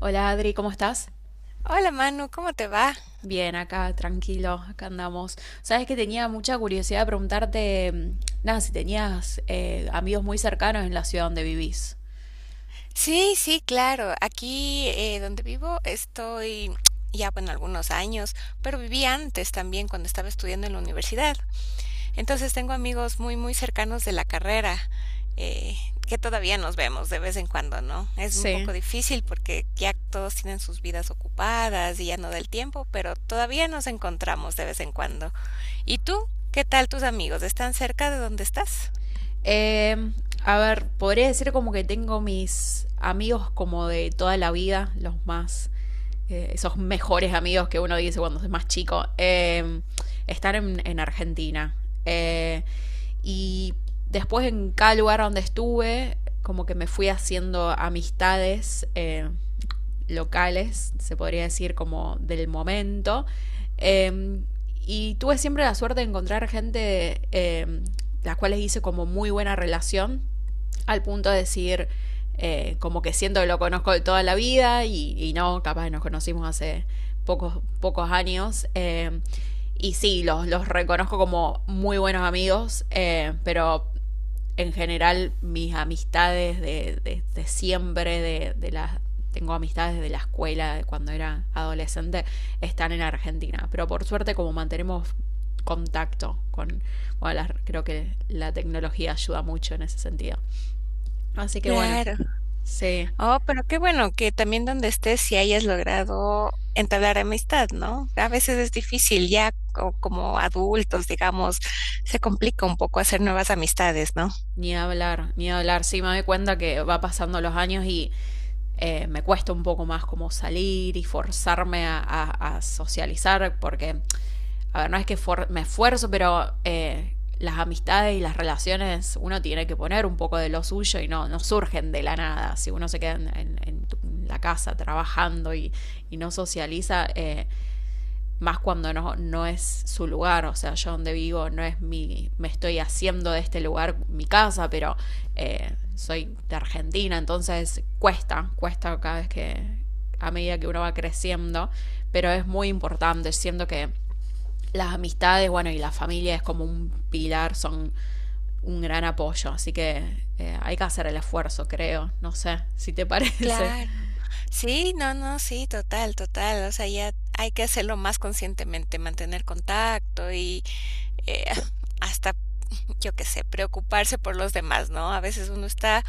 Hola Adri, ¿cómo estás? Hola Manu, ¿cómo te va? Bien, acá tranquilo, acá andamos. Sabes que tenía mucha curiosidad de preguntarte, nada, si tenías amigos muy cercanos en la ciudad donde vivís. Sí, sí, claro. Aquí donde vivo estoy ya, bueno, algunos años, pero viví antes también cuando estaba estudiando en la universidad. Entonces tengo amigos muy cercanos de la carrera, eh, que todavía nos vemos de vez en cuando, ¿no? Es un Sí. poco difícil porque ya todos tienen sus vidas ocupadas y ya no del tiempo, pero todavía nos encontramos de vez en cuando. ¿Y tú? ¿Qué tal tus amigos? ¿Están cerca de donde estás? Eh, a ver, podría decir como que tengo mis amigos como de toda la vida, los más, esos mejores amigos que uno dice cuando es más chico, están en Argentina. Eh, y después en cada lugar donde estuve, como que me fui haciendo amistades, locales, se podría decir, como del momento. Eh, y tuve siempre la suerte de encontrar gente, las cuales hice como muy buena relación, al punto de decir, como que siento que lo conozco de toda la vida y no, capaz nos conocimos hace pocos años. Y sí, los reconozco como muy buenos amigos, pero en general mis amistades de siempre, de las tengo amistades de la escuela, de cuando era adolescente, están en Argentina. Pero por suerte, como mantenemos contacto con, bueno, creo que la tecnología ayuda mucho en ese sentido. Así que bueno, Claro. sí. Oh, pero qué bueno que también donde estés, si hayas logrado entablar amistad, ¿no? A veces es difícil ya como adultos, digamos, se complica un poco hacer nuevas amistades, ¿no? Ni hablar, ni hablar. Sí, me doy cuenta que va pasando los años y me cuesta un poco más como salir y forzarme a socializar porque, a ver, no es que me esfuerzo, pero las amistades y las relaciones uno tiene que poner un poco de lo suyo y no surgen de la nada. Si uno se queda en la casa trabajando y no socializa, más cuando no es su lugar, o sea, yo donde vivo no es me estoy haciendo de este lugar mi casa, pero soy de Argentina, entonces cuesta cada vez que, a medida que uno va creciendo, pero es muy importante, siento que las amistades, bueno, y la familia es como un pilar, son un gran apoyo, así que hay que hacer el esfuerzo, creo, no sé si te parece. Claro, sí, no, no, sí, total, total. O sea, ya hay que hacerlo más conscientemente, mantener contacto y eh, hasta, yo qué sé, preocuparse por los demás, ¿no? A veces uno está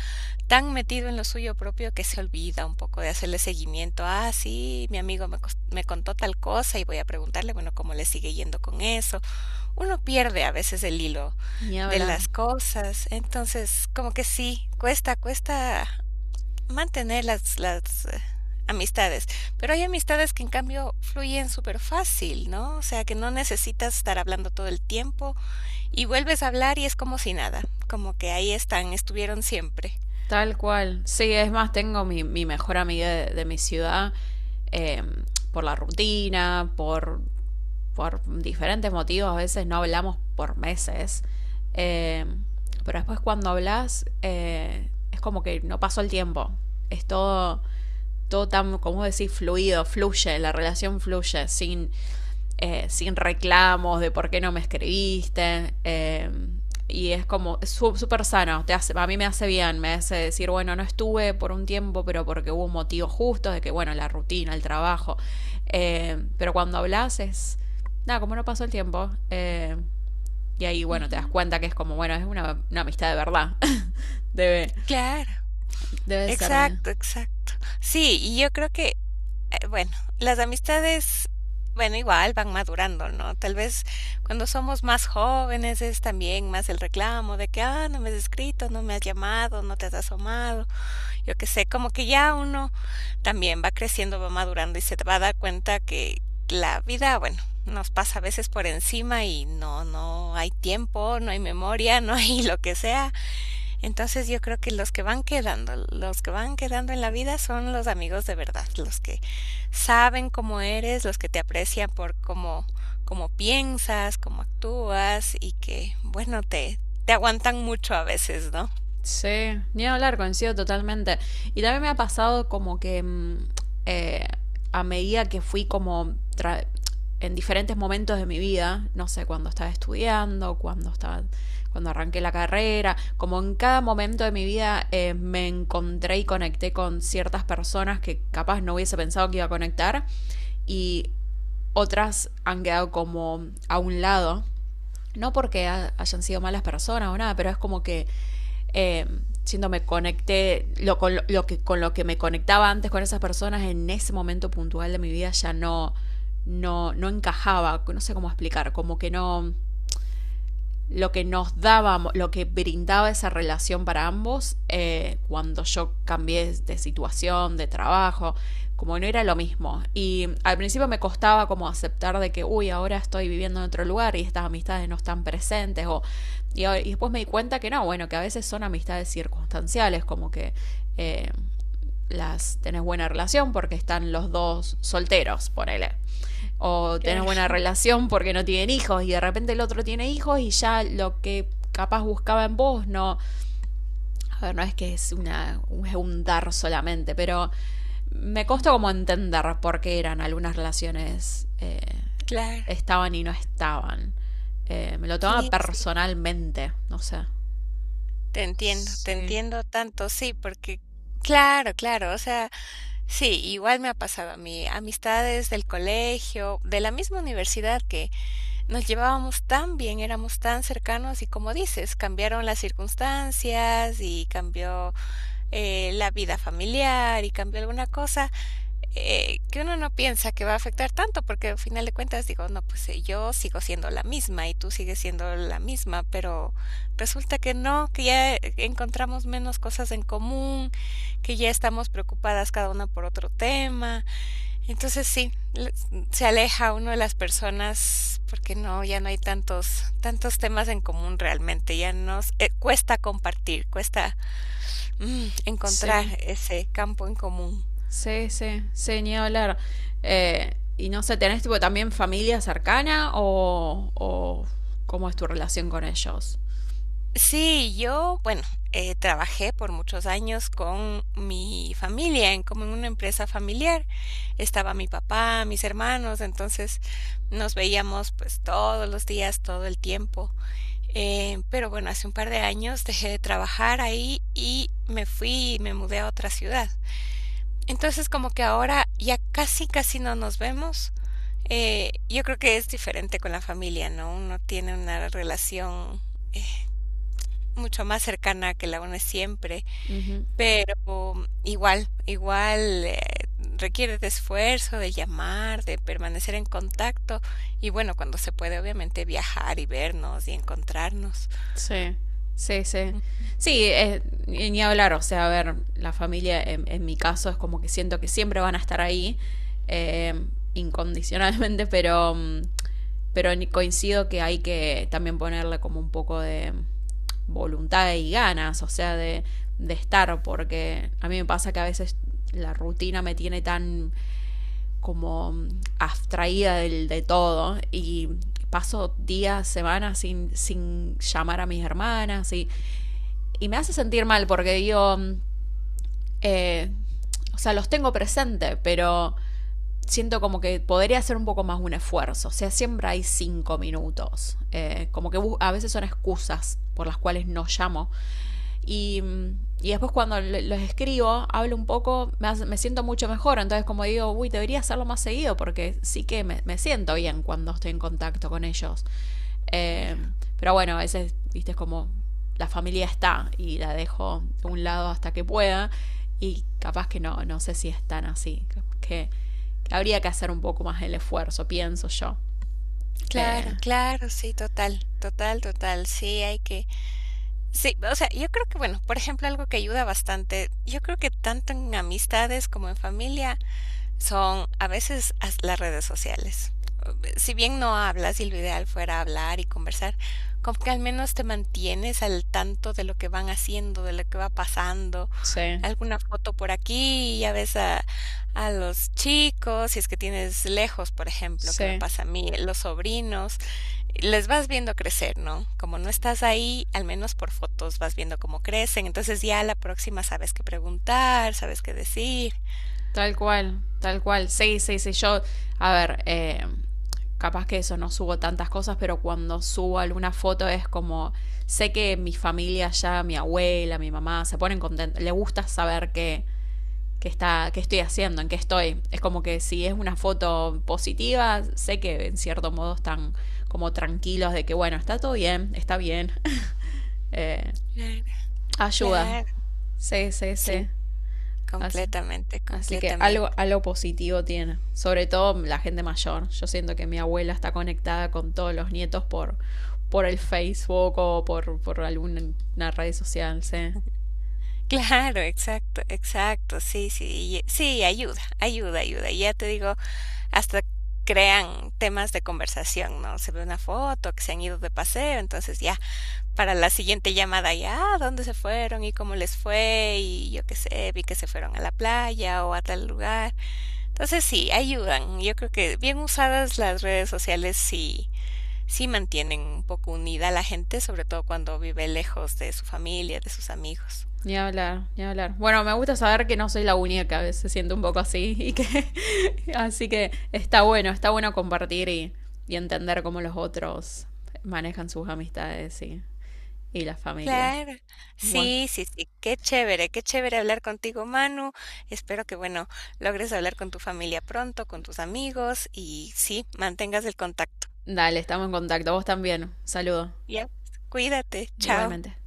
tan metido en lo suyo propio que se olvida un poco de hacerle seguimiento. Ah, sí, mi amigo me contó tal cosa y voy a preguntarle, bueno, cómo le sigue yendo con eso. Uno pierde a veces el hilo Ni de hablar. las cosas, entonces como que sí, cuesta, cuesta mantener las amistades, pero hay amistades que en cambio fluyen súper fácil, ¿no? O sea, que no necesitas estar hablando todo el tiempo y vuelves a hablar y es como si nada, como que ahí están, estuvieron siempre. Tal cual. Sí, es más, tengo mi mejor amiga de mi ciudad, eh, por la rutina, por diferentes motivos. A veces no hablamos por meses. Eh, pero después cuando hablas, es como que no pasó el tiempo. Es todo tan, como decir, fluido, fluye, la relación fluye, sin reclamos de por qué no me escribiste. Y es como es súper sano, te hace, a mí me hace bien, me hace decir, bueno, no estuve por un tiempo, pero porque hubo un motivo justo, de que, bueno, la rutina, el trabajo. Pero cuando hablas es, nada, como no pasó el tiempo. Y ahí, bueno, te das Ujú. cuenta que es como, bueno, es una amistad de verdad. debe, Claro, debe ser. exacto, exacto. Sí, y yo creo que, bueno, las amistades, bueno, igual van madurando, ¿no? Tal vez cuando somos más jóvenes es también más el reclamo de que, ah, no me has escrito, no me has llamado, no te has asomado, yo qué sé, como que ya uno también va creciendo, va madurando y se va a dar cuenta que la vida, bueno, nos pasa a veces por encima y no, no hay tiempo, no hay memoria, no hay lo que sea. Entonces yo creo que los que van quedando, los que van quedando en la vida son los amigos de verdad, los que saben cómo eres, los que te aprecian por cómo, cómo piensas, cómo actúas y que, bueno, te aguantan mucho a veces, ¿no? Sí, ni hablar, coincido totalmente. Y también me ha pasado como que eh, a medida que fui como en diferentes momentos de mi vida, no sé, cuando estaba estudiando, cuando arranqué la carrera, como en cada momento de mi vida me encontré y conecté con ciertas personas que capaz no hubiese pensado que iba a conectar y otras han quedado como a un lado. No porque hayan sido malas personas o nada, pero es como que eh, siendo me conecté, lo, con, lo que, con lo que me conectaba antes con esas personas en ese momento puntual de mi vida ya no encajaba, no sé cómo explicar, como que no, lo que nos daba, lo que brindaba esa relación para ambos, cuando yo cambié de situación, de trabajo, como no era lo mismo. Y al principio me costaba como aceptar de que, uy, ahora estoy viviendo en otro lugar y estas amistades no están presentes. Y después me di cuenta que no, bueno, que a veces son amistades circunstanciales, como que eh, las tenés buena relación porque están los dos solteros, ponele, o tenés Claro. buena relación porque no tienen hijos y de repente el otro tiene hijos y ya lo que capaz buscaba en vos no, a ver, no es que es una es un dar solamente, pero me Ujú, costó como entender por qué eran algunas relaciones, claro, estaban y no estaban. Me lo tomaba sí, sí, personalmente, no sé. Te Sí. entiendo tanto, sí, porque claro, claro, o sea, sí, igual me ha pasado a mí, amistades del colegio, de la misma universidad que nos llevábamos tan bien, éramos tan cercanos y como dices, cambiaron las circunstancias y cambió la vida familiar y cambió alguna cosa que uno no piensa que va a afectar tanto, porque al final de cuentas digo, no, pues yo sigo siendo la misma y tú sigues siendo la misma, pero resulta que no, que ya encontramos menos cosas en común, que ya estamos preocupadas cada una por otro tema. Entonces sí, se aleja uno de las personas porque no, ya no hay tantos, tantos temas en común realmente, ya nos cuesta compartir, cuesta encontrar Sí. ese campo en común. Sí, sí, sí, ni hablar. Y no sé, ¿tenés tipo también familia cercana o cómo es tu relación con ellos? Sí, yo, bueno, trabajé por muchos años con mi familia, en, como en una empresa familiar. Estaba mi papá, mis hermanos, entonces nos veíamos pues todos los días, todo el tiempo. Pero bueno, hace un par de años dejé de trabajar ahí y me fui y me mudé a otra ciudad. Entonces, como que ahora ya casi, casi no nos vemos. Yo creo que es diferente con la familia, ¿no? Uno tiene una relación eh, mucho más cercana que la une siempre, Ujú. pero igual, requiere de esfuerzo, de llamar, de permanecer en contacto y bueno, cuando se puede, obviamente viajar y vernos y encontrarnos. Sí, sí, sí. Sí, ni hablar, o sea, a ver, la familia en mi caso es como que siento que siempre van a estar ahí, eh, incondicionalmente, pero, coincido que hay que también ponerle como un poco de voluntad y ganas, o sea, de estar, porque a mí me pasa que a veces la rutina me tiene tan como abstraída del, de todo y paso días, semanas sin llamar a mis hermanas y me hace sentir mal porque digo, eh, o sea, los tengo presente, pero siento como que podría hacer un poco más un esfuerzo. O sea, siempre hay 5 minutos. Como que a veces son excusas por las cuales no llamo y, y después cuando los escribo, hablo un poco, me siento mucho mejor. Entonces como digo, uy, debería hacerlo más seguido porque sí que me siento bien cuando estoy en contacto con ellos. Eh, Claro. pero bueno, a veces, viste, es como la familia está y la dejo de un lado hasta que pueda y capaz que no, no sé si es tan así. Que, que habría que hacer un poco más el esfuerzo, pienso yo. Eh, Claro, claro, sí, total, total, total. Sí, hay que, sí, o sea, yo creo que, bueno, por ejemplo, algo que ayuda bastante, yo creo que tanto en amistades como en familia, son a veces las redes sociales. Si bien no hablas y lo ideal fuera hablar y conversar, como que al menos te mantienes al tanto de lo que van haciendo, de lo que va pasando, sí, alguna foto por aquí, a los chicos, si es que tienes lejos, por ejemplo, que me sí. pasa a mí, los sobrinos, les vas viendo crecer, ¿no? Como no estás ahí, al menos por fotos vas viendo cómo crecen, entonces ya a la próxima sabes qué preguntar, sabes qué decir. Tal cual, tal cual. Sí, sí, sí. Yo, a ver, capaz que eso no subo tantas cosas, pero cuando subo alguna foto es como, sé que mi familia ya, mi abuela, mi mamá, se ponen contentos. Le gusta saber que está, qué estoy haciendo, en qué estoy. Es como que si es una foto positiva, sé que en cierto modo están como tranquilos de que, bueno, está todo bien, está bien. Eh, Claro. Ayuda. Claro. Sí, sí, Sí, sí. Así, completamente, Así que completamente. algo, algo positivo tiene. Sobre todo la gente mayor. Yo siento que mi abuela está conectada con todos los nietos por el Facebook o por alguna red social, sí. Claro, exacto, exacto. Sí, sí, sí, ayuda, ayuda, ayuda. Y ya te digo, hasta crean temas de conversación, ¿no? Se ve una foto que se han ido de paseo, entonces ya para la siguiente llamada ya, "Ah, ¿dónde se fueron y cómo les fue? Y yo qué sé, vi que se fueron a la playa o a tal lugar." Entonces sí, ayudan. Yo creo que bien usadas las redes sociales sí mantienen un poco unida a la gente, sobre todo cuando vive lejos de su familia, de sus amigos. Ni hablar, ni hablar. Bueno, me gusta saber que no soy la única, que a veces siento un poco así y que así que está bueno compartir y entender cómo los otros manejan sus amistades y la familia. Claro, Bueno, sí, sí, sí, qué chévere hablar contigo, Manu. Espero que, bueno, logres hablar con tu familia pronto, con tus amigos y sí, mantengas el contacto. dale, estamos en contacto. Vos también. Saludo. Ya, pues, cuídate, chao. Igualmente.